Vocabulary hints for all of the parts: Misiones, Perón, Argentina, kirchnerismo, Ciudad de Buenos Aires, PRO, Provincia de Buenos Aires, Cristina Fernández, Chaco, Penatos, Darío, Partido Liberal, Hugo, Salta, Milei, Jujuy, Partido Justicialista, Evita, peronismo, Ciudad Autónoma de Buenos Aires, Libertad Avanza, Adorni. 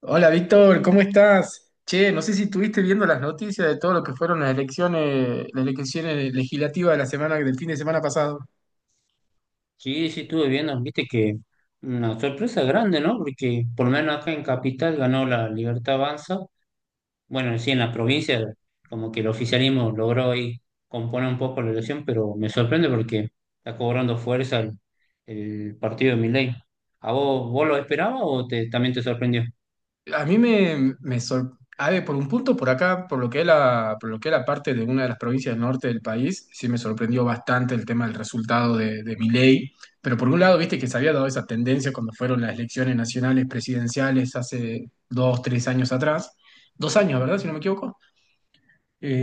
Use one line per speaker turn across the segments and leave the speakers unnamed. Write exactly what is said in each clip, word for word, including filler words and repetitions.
Hola Víctor, ¿cómo estás? Che, no sé si estuviste viendo las noticias de todo lo que fueron las elecciones, las elecciones legislativas de la semana, del fin de semana pasado.
Sí, sí, estuve viendo, viste que una sorpresa grande, ¿no? Porque por lo menos acá en Capital ganó la Libertad Avanza. Bueno, sí, en la provincia como que el oficialismo logró ahí componer un poco la elección, pero me sorprende porque está cobrando fuerza el, el partido de Milei. ¿A vos, vos lo esperabas o te, también te sorprendió?
A mí me, me sor- A ver, por un punto por acá, por lo que es la, por lo que es la parte de una de las provincias del norte del país, sí me sorprendió bastante el tema del resultado de, de Milei. Pero por un lado, viste que se había dado esa tendencia cuando fueron las elecciones nacionales presidenciales hace dos, tres años atrás. Dos años, ¿verdad? Si no me equivoco.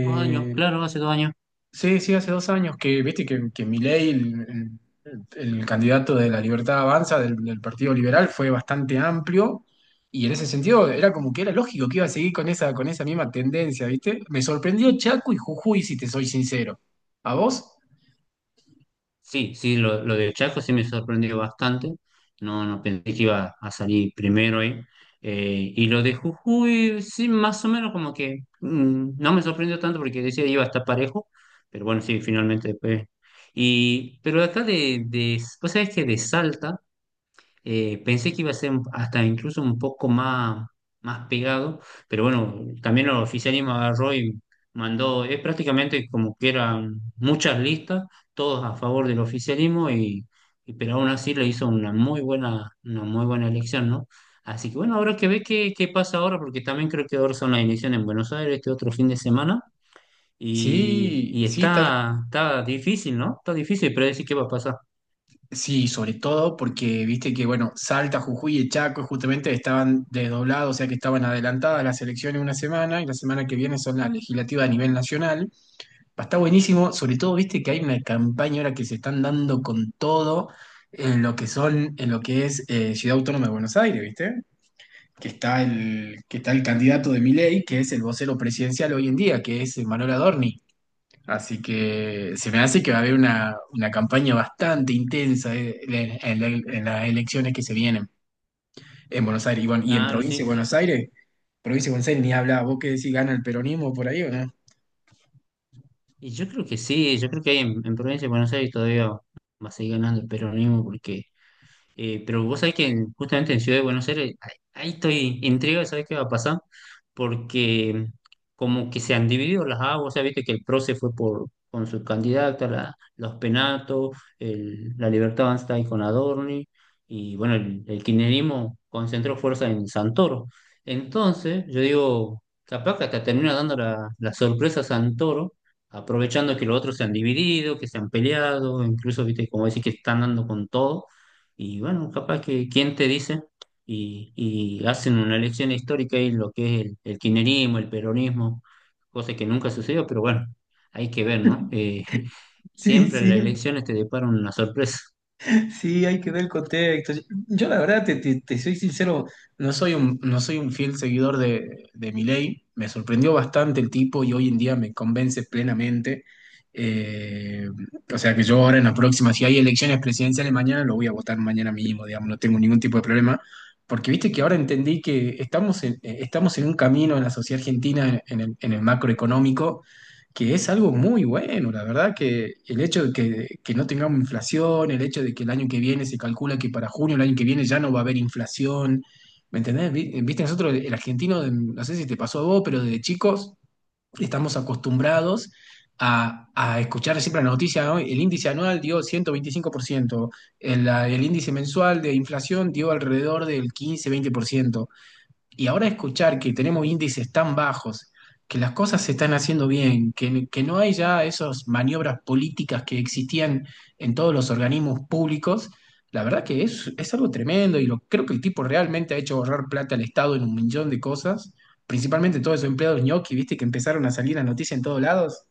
Dos años, claro, hace dos años.
Sí, sí, hace dos años que, viste, que, que Milei, el, el- el candidato de la Libertad Avanza del, del Partido Liberal, fue bastante amplio y en ese sentido era como que era lógico que iba a seguir con esa, con esa misma tendencia, viste. Me sorprendió Chaco y Jujuy, si te soy sincero. ¿A vos?
Sí, sí, lo, lo de Chaco sí me sorprendió bastante. No, no pensé que iba a salir primero ahí. Eh, y lo de Jujuy, sí, más o menos como que mm, no me sorprendió tanto porque decía iba a estar parejo, pero bueno, sí, finalmente después. Y, pero acá de, de, vos sabés que de Salta. Eh, pensé que iba a ser un- hasta incluso un poco más, más pegado, pero bueno, también el oficialismo agarró y mandó, es prácticamente como que eran muchas listas, todos a favor del oficialismo, y, y- pero aún así le hizo una muy buena, una muy buena elección, ¿no? Así que bueno, habrá que ver qué, qué pasa ahora, porque también creo que ahora son las elecciones en Buenos Aires este otro fin de semana, y,
Sí,
y
sí, tal.
está, está difícil, ¿no? Está difícil predecir qué va a pasar.
Sí, sobre todo porque, viste, que bueno, Salta, Jujuy y Chaco justamente estaban desdoblados, o sea que estaban adelantadas las elecciones una semana y la semana que viene son las legislativas a nivel nacional. Va Está buenísimo, sobre todo, viste que hay una campaña ahora que se están dando con todo en lo que son, en lo que es eh, Ciudad Autónoma de Buenos Aires, ¿viste? Que está el, que está el candidato de Milei, que es el vocero presidencial hoy en día, que es eh, Manuel Adorni. Así que se me hace que va a haber una, una campaña bastante intensa eh, en, en- en las elecciones que se vienen en Buenos Aires. Y bueno, y en
Claro,
provincia
sí.
de Buenos Aires, provincia de Buenos Aires ni habla, vos qué decís, ¿gana el peronismo por ahí o no?
Y yo creo que sí, yo creo que ahí en, en Provincia de Buenos Aires todavía va a seguir ganando el peronismo porque eh, pero vos sabés que en- justamente en Ciudad de Buenos Aires, ahí, ahí estoy intrigado, ¿sabés qué va a pasar? Porque como que se han dividido las aguas, ¿sabés? Viste que el P R O se fue por, con su candidata, la- los Penatos, el- la Libertad Avanza ahí con Adorni, y bueno, el, el kirchnerismo concentró fuerza en Santoro. Entonces, yo digo, capaz que hasta termina dando la, la sorpresa a Santoro, aprovechando que los otros se han dividido, que se han peleado, incluso, ¿viste? Como decir que están dando con todo y bueno, capaz que quién te dice y, y hacen una elección histórica y lo que es el, el kirchnerismo, el peronismo, cosa que nunca sucedió, pero bueno, hay que ver, ¿no? Eh,
Sí,
siempre las
sí.
elecciones te deparan una sorpresa.
Sí, hay que ver el contexto. Yo la verdad, te, te- te soy sincero, no soy un, no soy un fiel seguidor de, de Milei. Me sorprendió bastante el tipo y hoy en día me convence plenamente. Eh, o sea que yo ahora en la próxima, si hay elecciones presidenciales mañana, lo voy a votar mañana mismo, digamos, no tengo ningún tipo de problema. Porque viste que ahora entendí que estamos en, eh, estamos en un camino en la sociedad argentina, en el, en el macroeconómico, que es algo muy bueno, la verdad, que el hecho de que, que no tengamos inflación, el hecho de que el año que viene se calcula que para junio el año que viene ya no va a haber inflación, ¿me entendés? Vi- eh, Viste, nosotros, el argentino, de- no sé si te pasó a vos, pero desde chicos estamos acostumbrados a, a escuchar siempre la noticia, ¿no? El índice anual dio ciento veinticinco por ciento, el, el índice mensual de inflación dio alrededor del quince-veinte por ciento. Y ahora escuchar que tenemos índices tan bajos, que las cosas se están haciendo bien, que, que no hay ya esas maniobras políticas que existían en todos los organismos públicos, la verdad que es, es algo tremendo y lo, creo que el tipo realmente ha hecho ahorrar plata al Estado en un millón de cosas, principalmente todos esos empleados ñoqui, viste, que empezaron a salir a noticias en todos lados.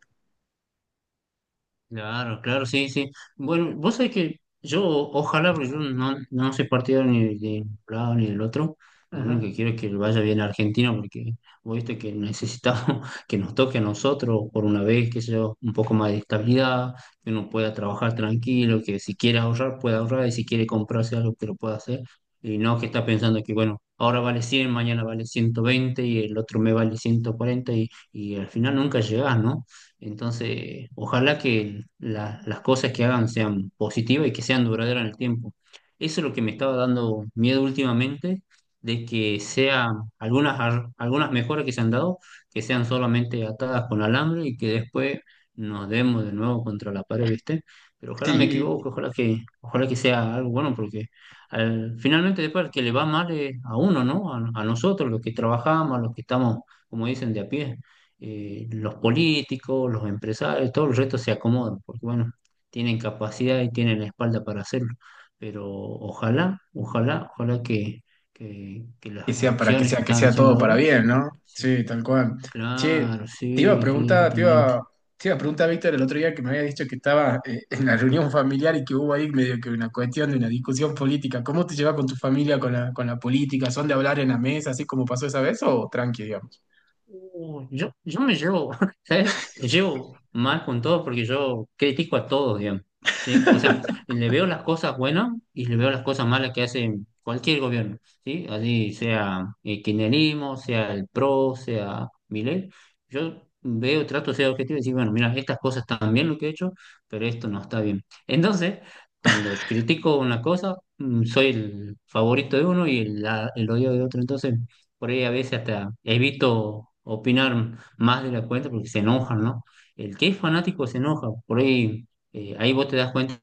Claro, claro, sí, sí. Bueno, vos sabés que yo, ojalá, porque yo no, no soy partidario ni de un lado ni del otro. Lo único
Ajá.
que quiero es que le vaya bien a Argentina, porque vos viste que necesitamos que nos toque a nosotros por una vez, que sea un poco más de estabilidad, que uno pueda trabajar tranquilo, que si quiere ahorrar, pueda ahorrar, y si quiere comprarse algo, que lo pueda hacer. Y no que está pensando que, bueno, ahora vale cien, mañana vale ciento veinte y el otro me vale ciento cuarenta y, y al final nunca llegás, ¿no? Entonces, ojalá que la- las cosas que hagan sean positivas y que sean duraderas en el tiempo. Eso es lo que me estaba dando miedo últimamente, de que sea algunas, ar- algunas mejoras que se han dado, que sean solamente atadas con alambre y que después nos demos de nuevo contra la pared, ¿viste? Pero ojalá me
Sí.
equivoque, ojalá que, ojalá que sea algo bueno, porque al- finalmente después al que le va mal es a uno, ¿no? A, a nosotros, los que trabajamos, a los que estamos, como dicen, de a pie eh, los políticos, los empresarios, todo el resto se acomodan, porque bueno, tienen capacidad y tienen la espalda para hacerlo. Pero ojalá, ojalá, ojalá que, que, que
Que
las
sea para que
acciones que
sea, que
están
sea
haciendo
todo para
ahora,
bien, ¿no?
sí,
Sí, tal cual. Che,
claro,
te iba a
sí, sí,
preguntar, te
totalmente.
iba, te iba a preguntar, Víctor, el otro día que me había dicho que estaba eh, en la reunión familiar y que hubo ahí medio que una cuestión de una discusión política. ¿Cómo te llevas con tu familia con la, con la política? ¿Son de hablar en la mesa, así como pasó esa vez, o tranqui, digamos?
Uh, Yo, yo me llevo, ¿sabes? Me llevo mal con todos porque yo critico a todos, digamos, ¿sí? O sea, le veo las cosas buenas y le veo las cosas malas que hace cualquier gobierno, ¿sí? Así sea el kirchnerismo, sea el P R O, sea Milei, yo veo, trato de ser objetivo y decir, bueno, mira, estas cosas están bien lo que he hecho, pero esto no está bien. Entonces, cuando critico una cosa, mm, soy el favorito de uno y el, la- el odio de otro, entonces por ahí a veces hasta he visto opinar más de la cuenta porque se enojan, ¿no? El que es fanático se enoja, por ahí, eh, ahí vos te das cuenta.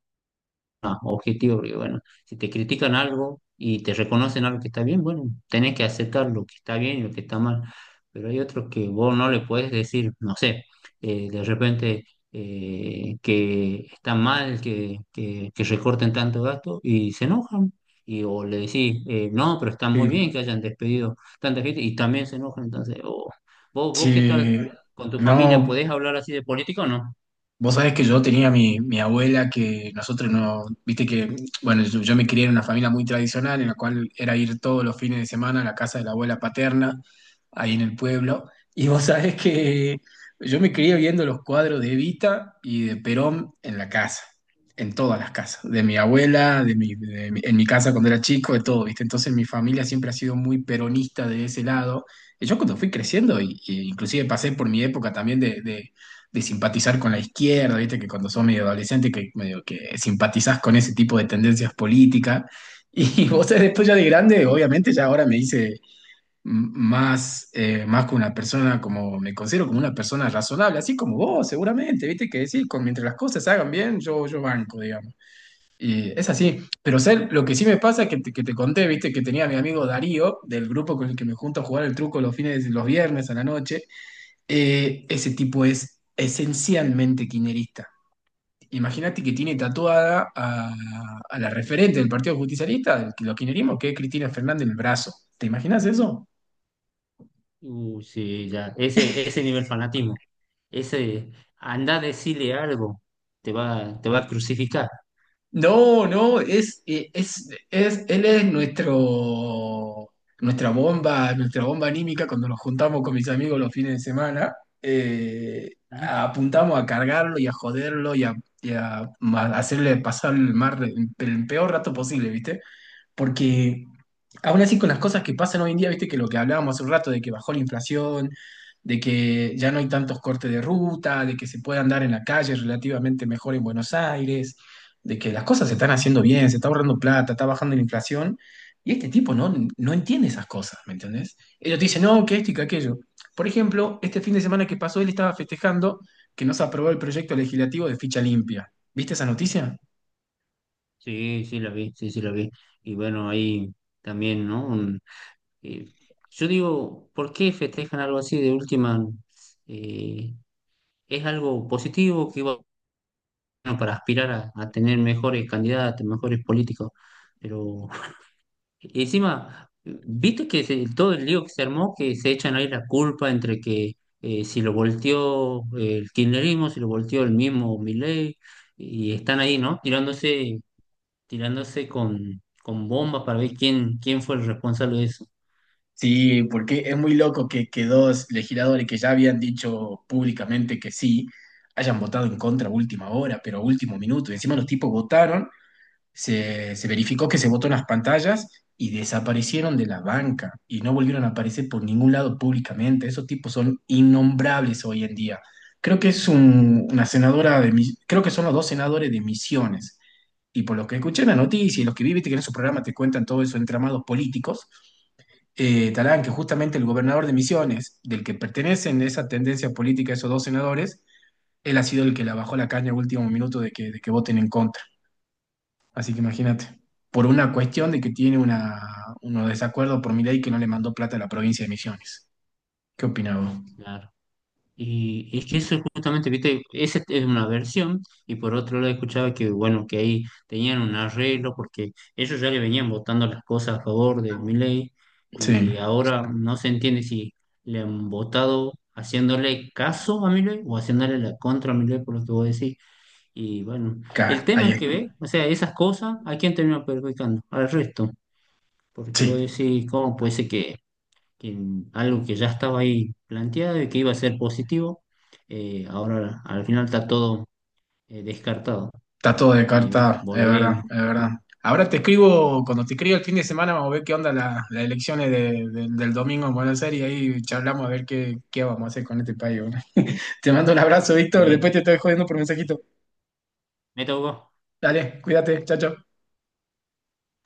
Ah, objetivo, porque bueno, si te critican algo y te reconocen algo que está bien, bueno, tenés que aceptar lo que está bien y lo que está mal, pero hay otros que vos no le puedes decir, no sé, eh, de repente eh, que está mal que, que, que recorten tanto gasto y se enojan. Y, o le decís, eh, no, pero está
Sí.
muy bien que hayan despedido tanta gente y también se enojan. Entonces, oh, ¿vos, vos qué tal
Che,
con tu familia?
no.
¿Podés hablar así de política o no?
Vos sabés que yo tenía mi, mi abuela que nosotros no, viste que, bueno, yo, yo me crié en una familia muy tradicional en la cual era ir todos los fines de semana a la casa de la abuela paterna, ahí en el pueblo. Y vos sabés que yo me crié viendo los cuadros de Evita y de Perón en la casa, en todas las casas, de mi abuela, de mi, de mi- en mi casa cuando era chico, de todo, viste. Entonces mi familia siempre ha sido muy peronista de ese lado. Y yo cuando fui creciendo, y, y inclusive pasé por mi época también de... de de simpatizar con la izquierda, viste que cuando sos medio adolescente que medio que simpatizás con ese tipo de tendencias políticas. Y vos sabés, después ya de grande, obviamente ya ahora me hice m- más, eh, más que una persona, como me considero como una persona razonable, así como vos seguramente, viste que decís, con, mientras las cosas se hagan bien, yo, yo banco, digamos. Y es así, pero sé, lo que sí me pasa es que te, que te conté, viste, que tenía a mi amigo Darío, del grupo con el que me junto a jugar el truco los fines, los viernes a la noche, eh, ese tipo es esencialmente kirchnerista. Imagínate que tiene tatuada a, a la referente del Partido Justicialista, del, los kirchnerismo, que es Cristina Fernández, en el brazo. ¿Te imaginas eso?
Uh, sí, ya. Ese, ese nivel fanatismo. Ese, anda a decirle algo. Te va, te va a crucificar.
No, no, es, eh, es, es, él es nuestro, nuestra bomba, nuestra bomba anímica cuando nos juntamos con mis amigos los fines de semana. eh,
¿Mm?
Apuntamos a cargarlo y a joderlo y a, y a ma- hacerle pasar el, mar, el peor rato posible, ¿viste? Porque aún así con las cosas que pasan hoy en día, viste, que lo que hablábamos hace un rato de que bajó la inflación, de que ya no hay tantos cortes de ruta, de que se puede andar en la calle relativamente mejor en Buenos Aires, de que las cosas se están haciendo bien, se está ahorrando plata, está bajando la inflación. Y este tipo no, no entiende esas cosas, ¿me entendés? Ellos te dicen, no, que esto y que aquello. Por ejemplo, este fin de semana que pasó, él estaba festejando que no se aprobó el proyecto legislativo de ficha limpia. ¿Viste esa noticia?
Sí, sí, la vi, sí, sí, la vi. Y bueno, ahí también, ¿no? Un- eh, yo digo, ¿por qué festejan algo así de última? Eh, es algo positivo que, bueno, para aspirar a, a tener mejores candidatos, mejores políticos. Pero y encima, viste que se- todo el lío que se armó, que se echan ahí la culpa entre que eh, si lo volteó eh, el kirchnerismo, si lo volteó el mismo Milei, y están ahí, ¿no? Tirándose, tirándose con, con bombas para ver quién, quién fue el responsable de eso.
Sí, porque es muy loco que, que dos legisladores que ya habían dicho públicamente que sí, hayan votado en contra a última hora, pero a último minuto. Y encima los tipos votaron, se, se verificó que se votó en las pantallas y desaparecieron de la banca y no volvieron a aparecer por ningún lado públicamente. Esos tipos son innombrables hoy en día. Creo que es un- una senadora de, Mis- creo que son los dos senadores de Misiones. Y por lo que escuché en la noticia y los que viviste que en esos programas te cuentan todo eso, entramados políticos, eh, Talán, que justamente el gobernador de Misiones, del que pertenecen esa tendencia política esos dos senadores, él ha sido el que la bajó la caña al último minuto de que, de que voten en contra. Así que imagínate, por una cuestión de que tiene
Claro,
una, unos desacuerdos por mi que no le mandó plata a la provincia de Misiones. ¿Qué opinás vos?
claro. Y, y es que eso es justamente, viste, esa es una versión, y por otro lado escuchaba que, bueno, que ahí tenían un arreglo, porque ellos ya le venían votando las cosas a favor de Milei,
Sí,
y ahora no se entiende si le han votado haciéndole caso a Milei o haciéndole la contra a Milei, por lo que vos decís. Y bueno, el
claro,
tema
ahí
es
es.
que ve, o sea, esas cosas, ¿a quién termina perjudicando? Al resto, porque vos
Sí,
decís, ¿cómo puede ser que que algo que ya estaba ahí planteado y que iba a ser positivo, eh, ahora al final está todo eh, descartado.
está todo de
Y bueno,
carta, es verdad,
volvemos.
es verdad. Ahora te escribo, cuando te escribo el fin de semana, vamos a ver qué onda la- las elecciones de- de- del domingo en Buenos Aires y ahí charlamos a ver qué, qué vamos a hacer con este país, ¿no? Te mando un abrazo, Víctor. Después
Met-
te estoy jodiendo por mensajito.
meta Hugo.
Dale, cuídate. Chao, chao.